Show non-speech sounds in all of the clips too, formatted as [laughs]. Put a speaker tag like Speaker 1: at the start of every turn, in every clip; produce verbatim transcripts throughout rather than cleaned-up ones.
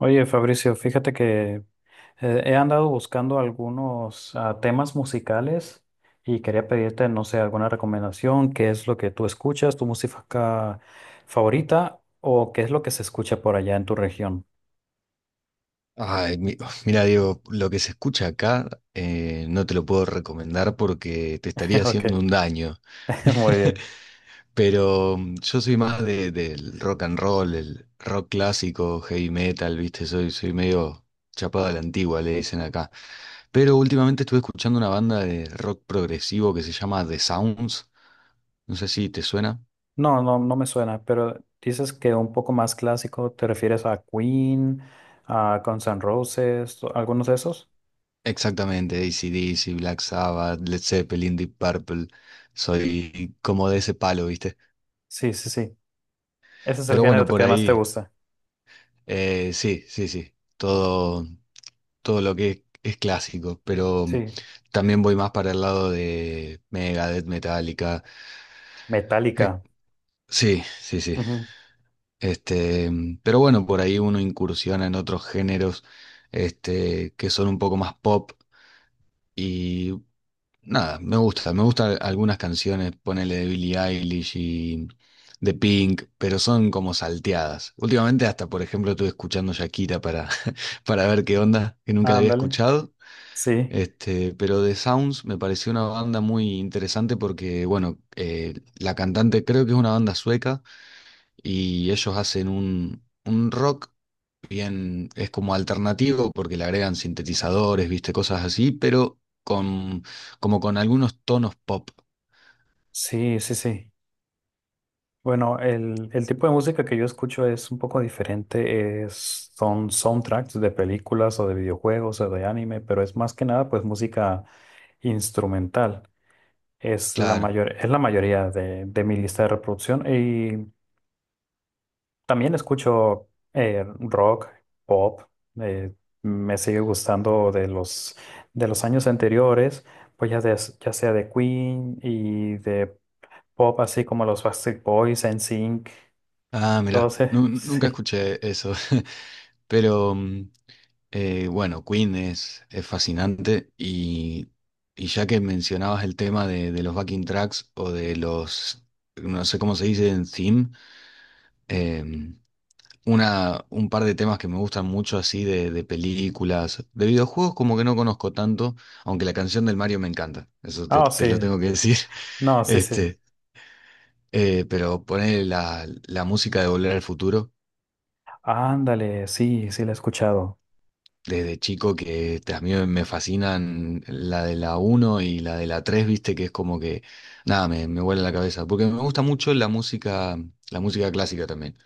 Speaker 1: Oye, Fabricio, fíjate que eh, he andado buscando algunos ah, temas musicales y quería pedirte, no sé, alguna recomendación, qué es lo que tú escuchas, tu música favorita o qué es lo que se escucha por allá en tu región.
Speaker 2: Ay, mi- mira, Diego, lo que se escucha acá eh, no te lo puedo recomendar porque te estaría
Speaker 1: [laughs] Ok,
Speaker 2: haciendo un daño.
Speaker 1: [laughs] muy
Speaker 2: [laughs]
Speaker 1: bien.
Speaker 2: Pero mm, yo soy más de- del rock and roll, el rock clásico, heavy metal, ¿viste? Soy, soy medio chapado a la antigua, le dicen acá. Pero últimamente estuve escuchando una banda de rock progresivo que se llama The Sounds. No sé si te suena.
Speaker 1: No, no, no me suena, pero dices que un poco más clásico, ¿te refieres a Queen, a Guns N' Roses, o algunos de esos?
Speaker 2: Exactamente, A C/D C, Black Sabbath, Led Zeppelin, Deep Purple, soy como de ese palo, ¿viste?
Speaker 1: Sí, sí, sí. Ese es el
Speaker 2: Pero
Speaker 1: género
Speaker 2: bueno, por
Speaker 1: que más te
Speaker 2: ahí,
Speaker 1: gusta.
Speaker 2: eh, sí, sí, sí, todo, todo lo que es, es clásico, pero mm,
Speaker 1: Sí,
Speaker 2: también voy más para el lado de Megadeth, Metallica, eh,
Speaker 1: Metallica.
Speaker 2: sí, sí, sí,
Speaker 1: Ujú.
Speaker 2: este, mm, pero bueno, por ahí uno incursiona en otros géneros, este, que son un poco más pop y nada, me gusta, me gustan algunas canciones, ponele de Billie Eilish y de Pink, pero son como salteadas. Últimamente hasta, por ejemplo, estuve escuchando Shakira para, [laughs] para ver qué onda, que nunca la había
Speaker 1: Ándale.
Speaker 2: escuchado.
Speaker 1: Sí,
Speaker 2: Este, pero The Sounds me pareció una banda muy interesante porque, bueno, eh, la cantante creo que es una banda sueca y ellos hacen un, un rock bien, es como alternativo porque le agregan sintetizadores, viste, cosas así, pero con, como con algunos tonos pop,
Speaker 1: sí, sí, sí. Bueno, el, el tipo de música que yo escucho es un poco diferente. Es, son soundtracks de películas o de videojuegos o de anime, pero es más que nada pues música instrumental. Es la
Speaker 2: claro.
Speaker 1: mayor, es la mayoría de, de mi lista de reproducción. Y también escucho eh, rock, pop. eh, me sigue gustando de los, de los años anteriores, pues ya, de- ya sea de Queen y de pop, así como los Backstreet Boys, N sync,
Speaker 2: Ah, mirá,
Speaker 1: todos, eh,
Speaker 2: nu-
Speaker 1: [laughs]
Speaker 2: nunca
Speaker 1: sí.
Speaker 2: escuché eso, [laughs] pero mm, eh, bueno, Queen es, es fascinante y, y ya que mencionabas el tema de, de los backing tracks o de los, no sé cómo se dice en theme, em, una, un par de temas que me gustan mucho así de, de películas, de videojuegos como que no conozco tanto, aunque la canción del Mario me encanta, eso te,
Speaker 1: Ah,
Speaker 2: te
Speaker 1: sí,
Speaker 2: lo tengo que decir.
Speaker 1: no,
Speaker 2: [laughs]
Speaker 1: sí, sí.
Speaker 2: este, eh, pero poner la, la música de Volver al Futuro
Speaker 1: Ándale, sí, sí, la he escuchado.
Speaker 2: desde chico que este, a mí me fascinan la de la uno y la de la tres viste, que es como que, nada, me, me vuela la cabeza, porque me gusta mucho la música, la música clásica también.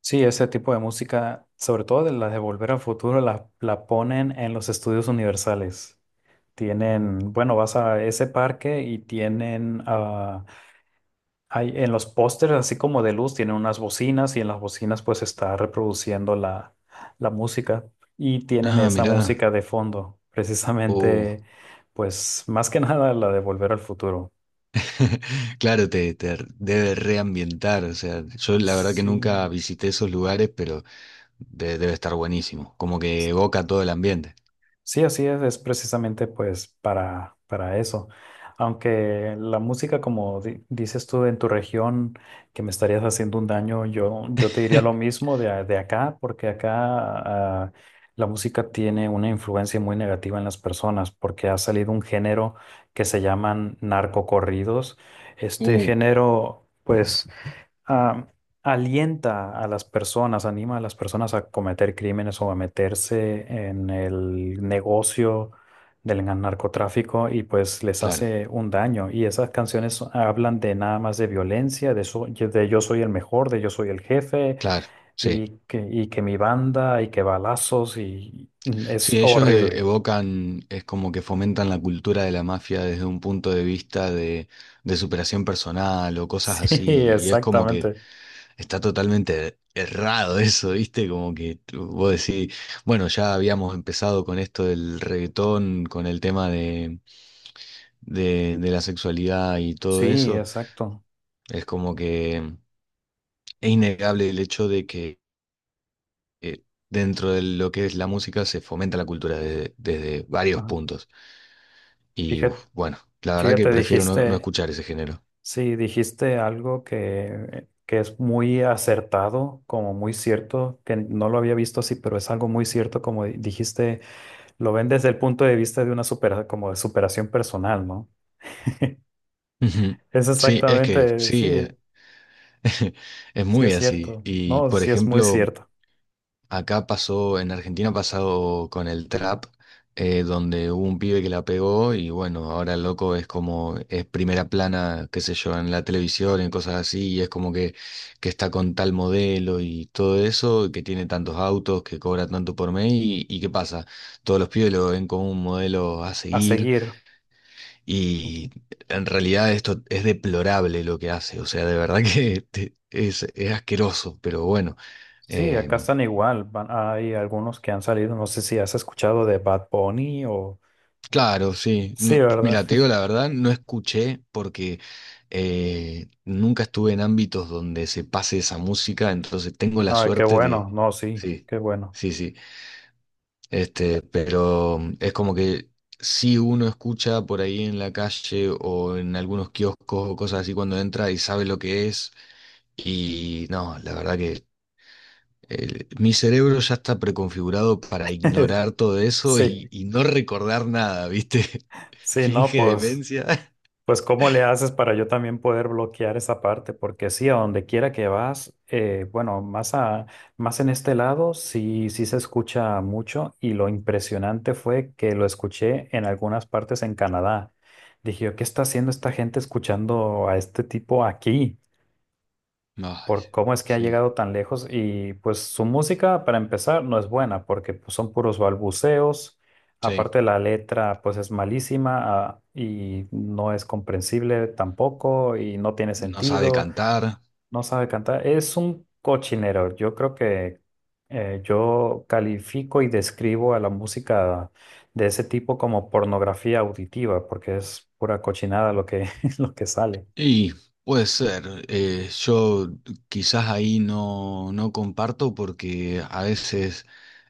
Speaker 1: Sí, ese tipo de música, sobre todo de las de Volver al Futuro, la, la ponen en los estudios universales. Tienen, bueno, vas a ese parque y tienen ah Hay, en los pósters, así como de luz, tienen unas bocinas y en las bocinas pues está reproduciendo la, la música y tienen
Speaker 2: Ah,
Speaker 1: esa
Speaker 2: mirá,
Speaker 1: música de fondo,
Speaker 2: oh.
Speaker 1: precisamente pues más que [laughs] nada la de Volver al Futuro.
Speaker 2: [laughs] Claro, te, te r- debe reambientar, o sea, yo la verdad que
Speaker 1: Sí.
Speaker 2: nunca visité esos lugares, pero de- debe estar buenísimo, como que evoca todo el ambiente.
Speaker 1: Sí, así es, es precisamente pues para, para eso. Aunque la música, como di- dices tú en tu región, que me estarías haciendo un daño, yo, yo te diría lo
Speaker 2: [laughs]
Speaker 1: mismo de, a- de acá, porque acá ah, la música tiene una influencia muy negativa en las personas, porque ha salido un género que se llaman narcocorridos. Este
Speaker 2: Uh,
Speaker 1: género, pues ah, alienta a las personas, anima a las personas a cometer crímenes o a meterse en el negocio del narcotráfico y pues les
Speaker 2: claro,
Speaker 1: hace un daño. Y esas canciones hablan de nada más de violencia, de, so- de yo soy el mejor, de yo soy el jefe
Speaker 2: claro, sí.
Speaker 1: y que, y que mi banda y que balazos y mm, es
Speaker 2: Sí, ellos eh,
Speaker 1: horrible. [laughs]
Speaker 2: evocan, es como que fomentan la cultura de la mafia desde un punto de vista de, de superación personal o cosas
Speaker 1: Sí,
Speaker 2: así, y es como que
Speaker 1: exactamente.
Speaker 2: está totalmente errado [laughs] eso, ¿viste? Como que tú- vos decís, bueno, ya habíamos empezado con esto del reggaetón, con el tema de, de, de la sexualidad y todo
Speaker 1: Sí,
Speaker 2: eso,
Speaker 1: exacto.
Speaker 2: es como que es innegable el hecho eh, dentro de lo que es la música se fomenta la cultura desde, desde varios
Speaker 1: Ajá.
Speaker 2: puntos. Y
Speaker 1: Fíjate,
Speaker 2: uf, bueno, la verdad que
Speaker 1: fíjate,
Speaker 2: prefiero no, no
Speaker 1: dijiste.
Speaker 2: escuchar ese género.
Speaker 1: Sí, dijiste algo que, que es muy acertado, como muy cierto, que no lo había visto así, pero es algo muy cierto, como di- dijiste, lo ven desde el punto de vista de una supera- como de superación personal, ¿no?
Speaker 2: Ujú.
Speaker 1: Es
Speaker 2: Sí, es que
Speaker 1: exactamente,
Speaker 2: sí, eh,
Speaker 1: sí,
Speaker 2: [laughs] es
Speaker 1: sí
Speaker 2: muy
Speaker 1: es
Speaker 2: así.
Speaker 1: cierto,
Speaker 2: Y
Speaker 1: no,
Speaker 2: por
Speaker 1: sí es muy
Speaker 2: ejemplo,
Speaker 1: cierto.
Speaker 2: acá pasó, en Argentina ha pasado con el trap, eh, donde hubo un pibe que la pegó y bueno, ahora el loco es como, es primera plana, qué sé yo, en la televisión en cosas así, y es como que, que está con tal modelo y todo eso, que tiene tantos autos, que cobra tanto por mes y, y ¿qué pasa? Todos los pibes lo ven como un modelo a
Speaker 1: A
Speaker 2: seguir
Speaker 1: seguir,
Speaker 2: y en realidad esto es deplorable lo que hace, o sea, de verdad [laughs] que te- es, es asqueroso, pero bueno.
Speaker 1: sí, acá
Speaker 2: eh,
Speaker 1: están igual, van- hay algunos que han salido, no sé si has escuchado de Bad Bunny o...
Speaker 2: Claro, sí.
Speaker 1: Sí,
Speaker 2: No,
Speaker 1: ¿verdad?
Speaker 2: mira, te digo
Speaker 1: [laughs]
Speaker 2: la verdad, no escuché porque eh, nunca estuve en ámbitos donde se pase esa música, entonces tengo la
Speaker 1: Ay, qué
Speaker 2: suerte de...
Speaker 1: bueno, no, sí,
Speaker 2: Sí,
Speaker 1: qué bueno.
Speaker 2: sí, sí. Este, pero mm, es como que si uno escucha por ahí en la calle o en algunos kioscos o cosas así cuando entra y sabe lo que es, y no, la verdad que el- mi cerebro ya está preconfigurado para
Speaker 1: [laughs]
Speaker 2: ignorar todo eso y,
Speaker 1: Sí.
Speaker 2: y no recordar nada, ¿viste? [laughs]
Speaker 1: Sí, no,
Speaker 2: Finge
Speaker 1: pues
Speaker 2: demencia. [laughs]
Speaker 1: Pues ¿cómo le haces para yo también poder bloquear esa parte? Porque sí, a donde quiera que vas, eh, bueno, más, a, más en este lado sí, sí se escucha mucho y lo impresionante fue que lo escuché en algunas partes en Canadá. Dije, yo, ¿qué está haciendo esta gente escuchando a este tipo aquí?
Speaker 2: Ay,
Speaker 1: Por cómo es que ha
Speaker 2: sí,
Speaker 1: llegado tan lejos y pues su música para empezar no es buena porque pues, son puros balbuceos,
Speaker 2: sí.
Speaker 1: aparte la letra pues es malísima ah, y no es comprensible tampoco y no tiene
Speaker 2: No sabe
Speaker 1: sentido,
Speaker 2: cantar.
Speaker 1: no sabe cantar, es un cochinero, yo creo que eh, yo califico y describo a la música de ese tipo como pornografía auditiva porque es pura cochinada lo que, [laughs] lo que sale.
Speaker 2: Y puede ser. Eh, yo quizás ahí no, no comparto porque a veces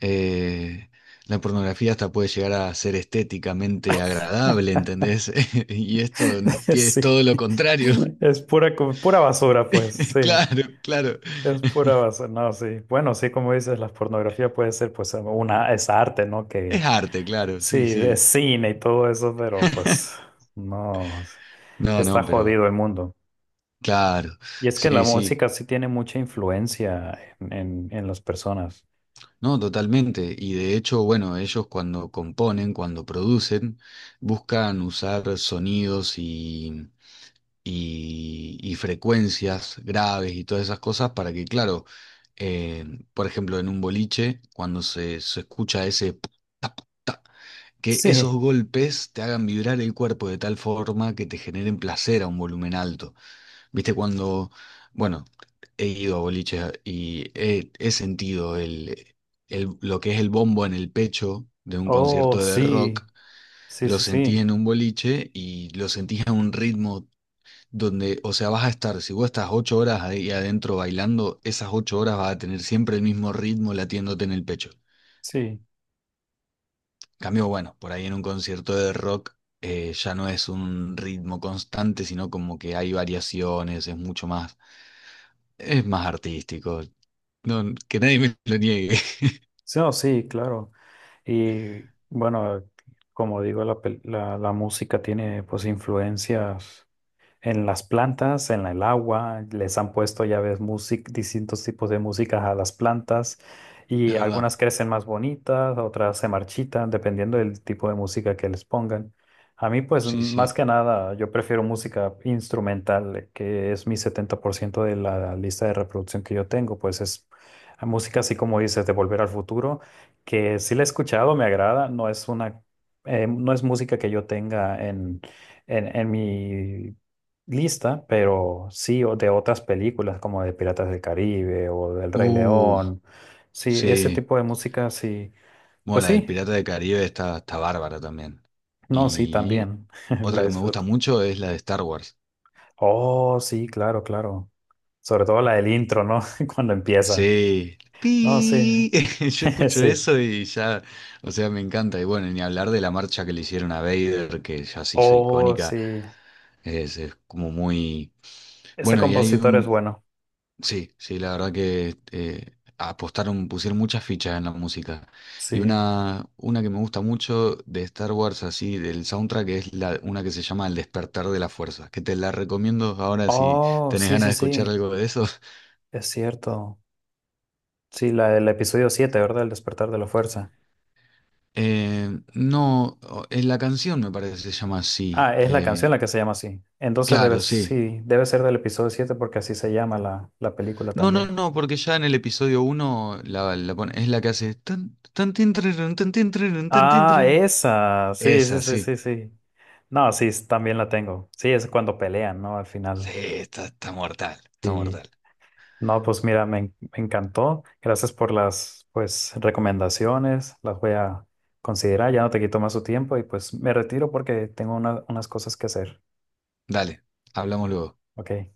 Speaker 2: eh, la pornografía hasta puede llegar a ser estéticamente agradable, ¿entendés? [laughs] Y esto
Speaker 1: [laughs]
Speaker 2: es
Speaker 1: Sí.
Speaker 2: todo lo contrario.
Speaker 1: [laughs] Es pura, co- pura basura, pues,
Speaker 2: [laughs]
Speaker 1: sí.
Speaker 2: Claro, claro.
Speaker 1: Es pura basura, no, sí. Bueno, sí, como dices, la pornografía puede ser, pues, una, es arte, ¿no?
Speaker 2: Es
Speaker 1: Que
Speaker 2: arte, claro, sí,
Speaker 1: sí,
Speaker 2: sí.
Speaker 1: es cine y todo eso, pero pues,
Speaker 2: [laughs]
Speaker 1: no, sí.
Speaker 2: No,
Speaker 1: Está
Speaker 2: no, pero
Speaker 1: jodido el mundo.
Speaker 2: claro,
Speaker 1: Y es que la
Speaker 2: sí, sí,
Speaker 1: música sí tiene mucha influencia en, en, en las personas.
Speaker 2: no, totalmente. Y de hecho, bueno, ellos cuando componen, cuando producen, buscan usar sonidos y, y, y frecuencias graves y todas esas cosas para que, claro, eh, por ejemplo, en un boliche, cuando se, se escucha ese... p- tap, que esos
Speaker 1: Sí.
Speaker 2: golpes te hagan vibrar el cuerpo de tal forma que te generen placer a un volumen alto. Viste, cuando, bueno, he ido a boliches y he, he sentido el, el- lo que es el bombo en el pecho de un
Speaker 1: Oh,
Speaker 2: concierto de rock,
Speaker 1: sí. Sí,
Speaker 2: lo
Speaker 1: sí,
Speaker 2: sentís
Speaker 1: sí.
Speaker 2: en un boliche y lo sentís a un ritmo donde, o sea, vas a estar, si vos estás ocho horas ahí adentro bailando, esas ocho horas vas a tener siempre el mismo ritmo latiéndote en el pecho.
Speaker 1: Sí.
Speaker 2: Cambio, bueno, por ahí en un concierto de rock eh, ya no es un ritmo constante, sino como que hay variaciones, es mucho más... Es más artístico. No, que nadie me lo niegue.
Speaker 1: Sí, no, sí, claro. Y bueno, como digo, la, pel- la, la música tiene pues influencias en las plantas, en el agua, les han puesto, ya ves, músic distintos tipos de músicas a las plantas
Speaker 2: [laughs]
Speaker 1: y
Speaker 2: Es verdad.
Speaker 1: algunas crecen más bonitas, otras se marchitan, dependiendo del tipo de música que les pongan. A mí, pues,
Speaker 2: Sí,
Speaker 1: más
Speaker 2: sí.
Speaker 1: que nada, yo prefiero música instrumental, que es mi setenta por ciento de la lista de reproducción que yo tengo, pues es música así como dices, de Volver al Futuro, que sí la he escuchado, me agrada, no es una, eh, no es música que yo tenga en en, en mi lista, pero sí, o de otras películas como de Piratas del Caribe o del Rey
Speaker 2: Uh,
Speaker 1: León. Sí, ese
Speaker 2: sí.
Speaker 1: tipo de música, sí.
Speaker 2: Bueno,
Speaker 1: Pues
Speaker 2: la del
Speaker 1: sí,
Speaker 2: Pirata de Caribe está, está bárbara también.
Speaker 1: no, sí,
Speaker 2: Y
Speaker 1: también [laughs]
Speaker 2: otra
Speaker 1: la
Speaker 2: que me gusta
Speaker 1: disfruto.
Speaker 2: mucho es la de Star Wars.
Speaker 1: Oh, sí, claro, claro. Sobre todo la del intro, ¿no? [laughs] Cuando empieza.
Speaker 2: Sí.
Speaker 1: No, sí,
Speaker 2: Pi. [laughs] Yo
Speaker 1: [laughs]
Speaker 2: escucho
Speaker 1: sí.
Speaker 2: eso y ya, o sea, me encanta. Y bueno, ni hablar de la marcha que le hicieron a Vader, que ya se hizo
Speaker 1: Oh,
Speaker 2: icónica,
Speaker 1: sí.
Speaker 2: es, es como muy...
Speaker 1: Ese
Speaker 2: Bueno, y hay
Speaker 1: compositor es
Speaker 2: un,
Speaker 1: bueno.
Speaker 2: sí, sí, la verdad que eh, apostaron, pusieron muchas fichas en la música. Y
Speaker 1: Sí.
Speaker 2: una, una que me gusta mucho de Star Wars, así, del soundtrack, es la, una que se llama El despertar de la fuerza, que te la recomiendo ahora si
Speaker 1: Oh,
Speaker 2: tenés
Speaker 1: sí,
Speaker 2: ganas
Speaker 1: sí,
Speaker 2: de escuchar
Speaker 1: sí.
Speaker 2: algo de eso. [laughs]
Speaker 1: Es cierto. Sí, la del episodio siete ¿verdad? El despertar de la fuerza.
Speaker 2: Eh, no, o- en la canción me parece que se llama así.
Speaker 1: Ah, es la canción
Speaker 2: Eh,
Speaker 1: la que se llama así. Entonces debe,
Speaker 2: claro, sí.
Speaker 1: sí, debe ser del episodio siete porque así se llama la, la película
Speaker 2: No, no,
Speaker 1: también.
Speaker 2: no, porque ya en el episodio uno la, la pone- es la que hace... tan, tan, tin, trarun, tan, tin, trarun, tan, tin,
Speaker 1: Ah,
Speaker 2: trarun.
Speaker 1: esa. Sí, sí,
Speaker 2: Esa,
Speaker 1: sí,
Speaker 2: sí.
Speaker 1: sí, sí. No, sí, s- también la tengo. Sí, es cuando pelean, ¿no? Al
Speaker 2: Sí,
Speaker 1: final.
Speaker 2: está, está mortal, está
Speaker 1: Sí.
Speaker 2: mortal.
Speaker 1: No, pues mira, me, en- me encantó. Gracias por las, pues, recomendaciones. Las voy a considerar. Ya no te quito más tu tiempo y pues me retiro porque tengo una- unas cosas que hacer.
Speaker 2: Dale, hablamos luego.
Speaker 1: Ok.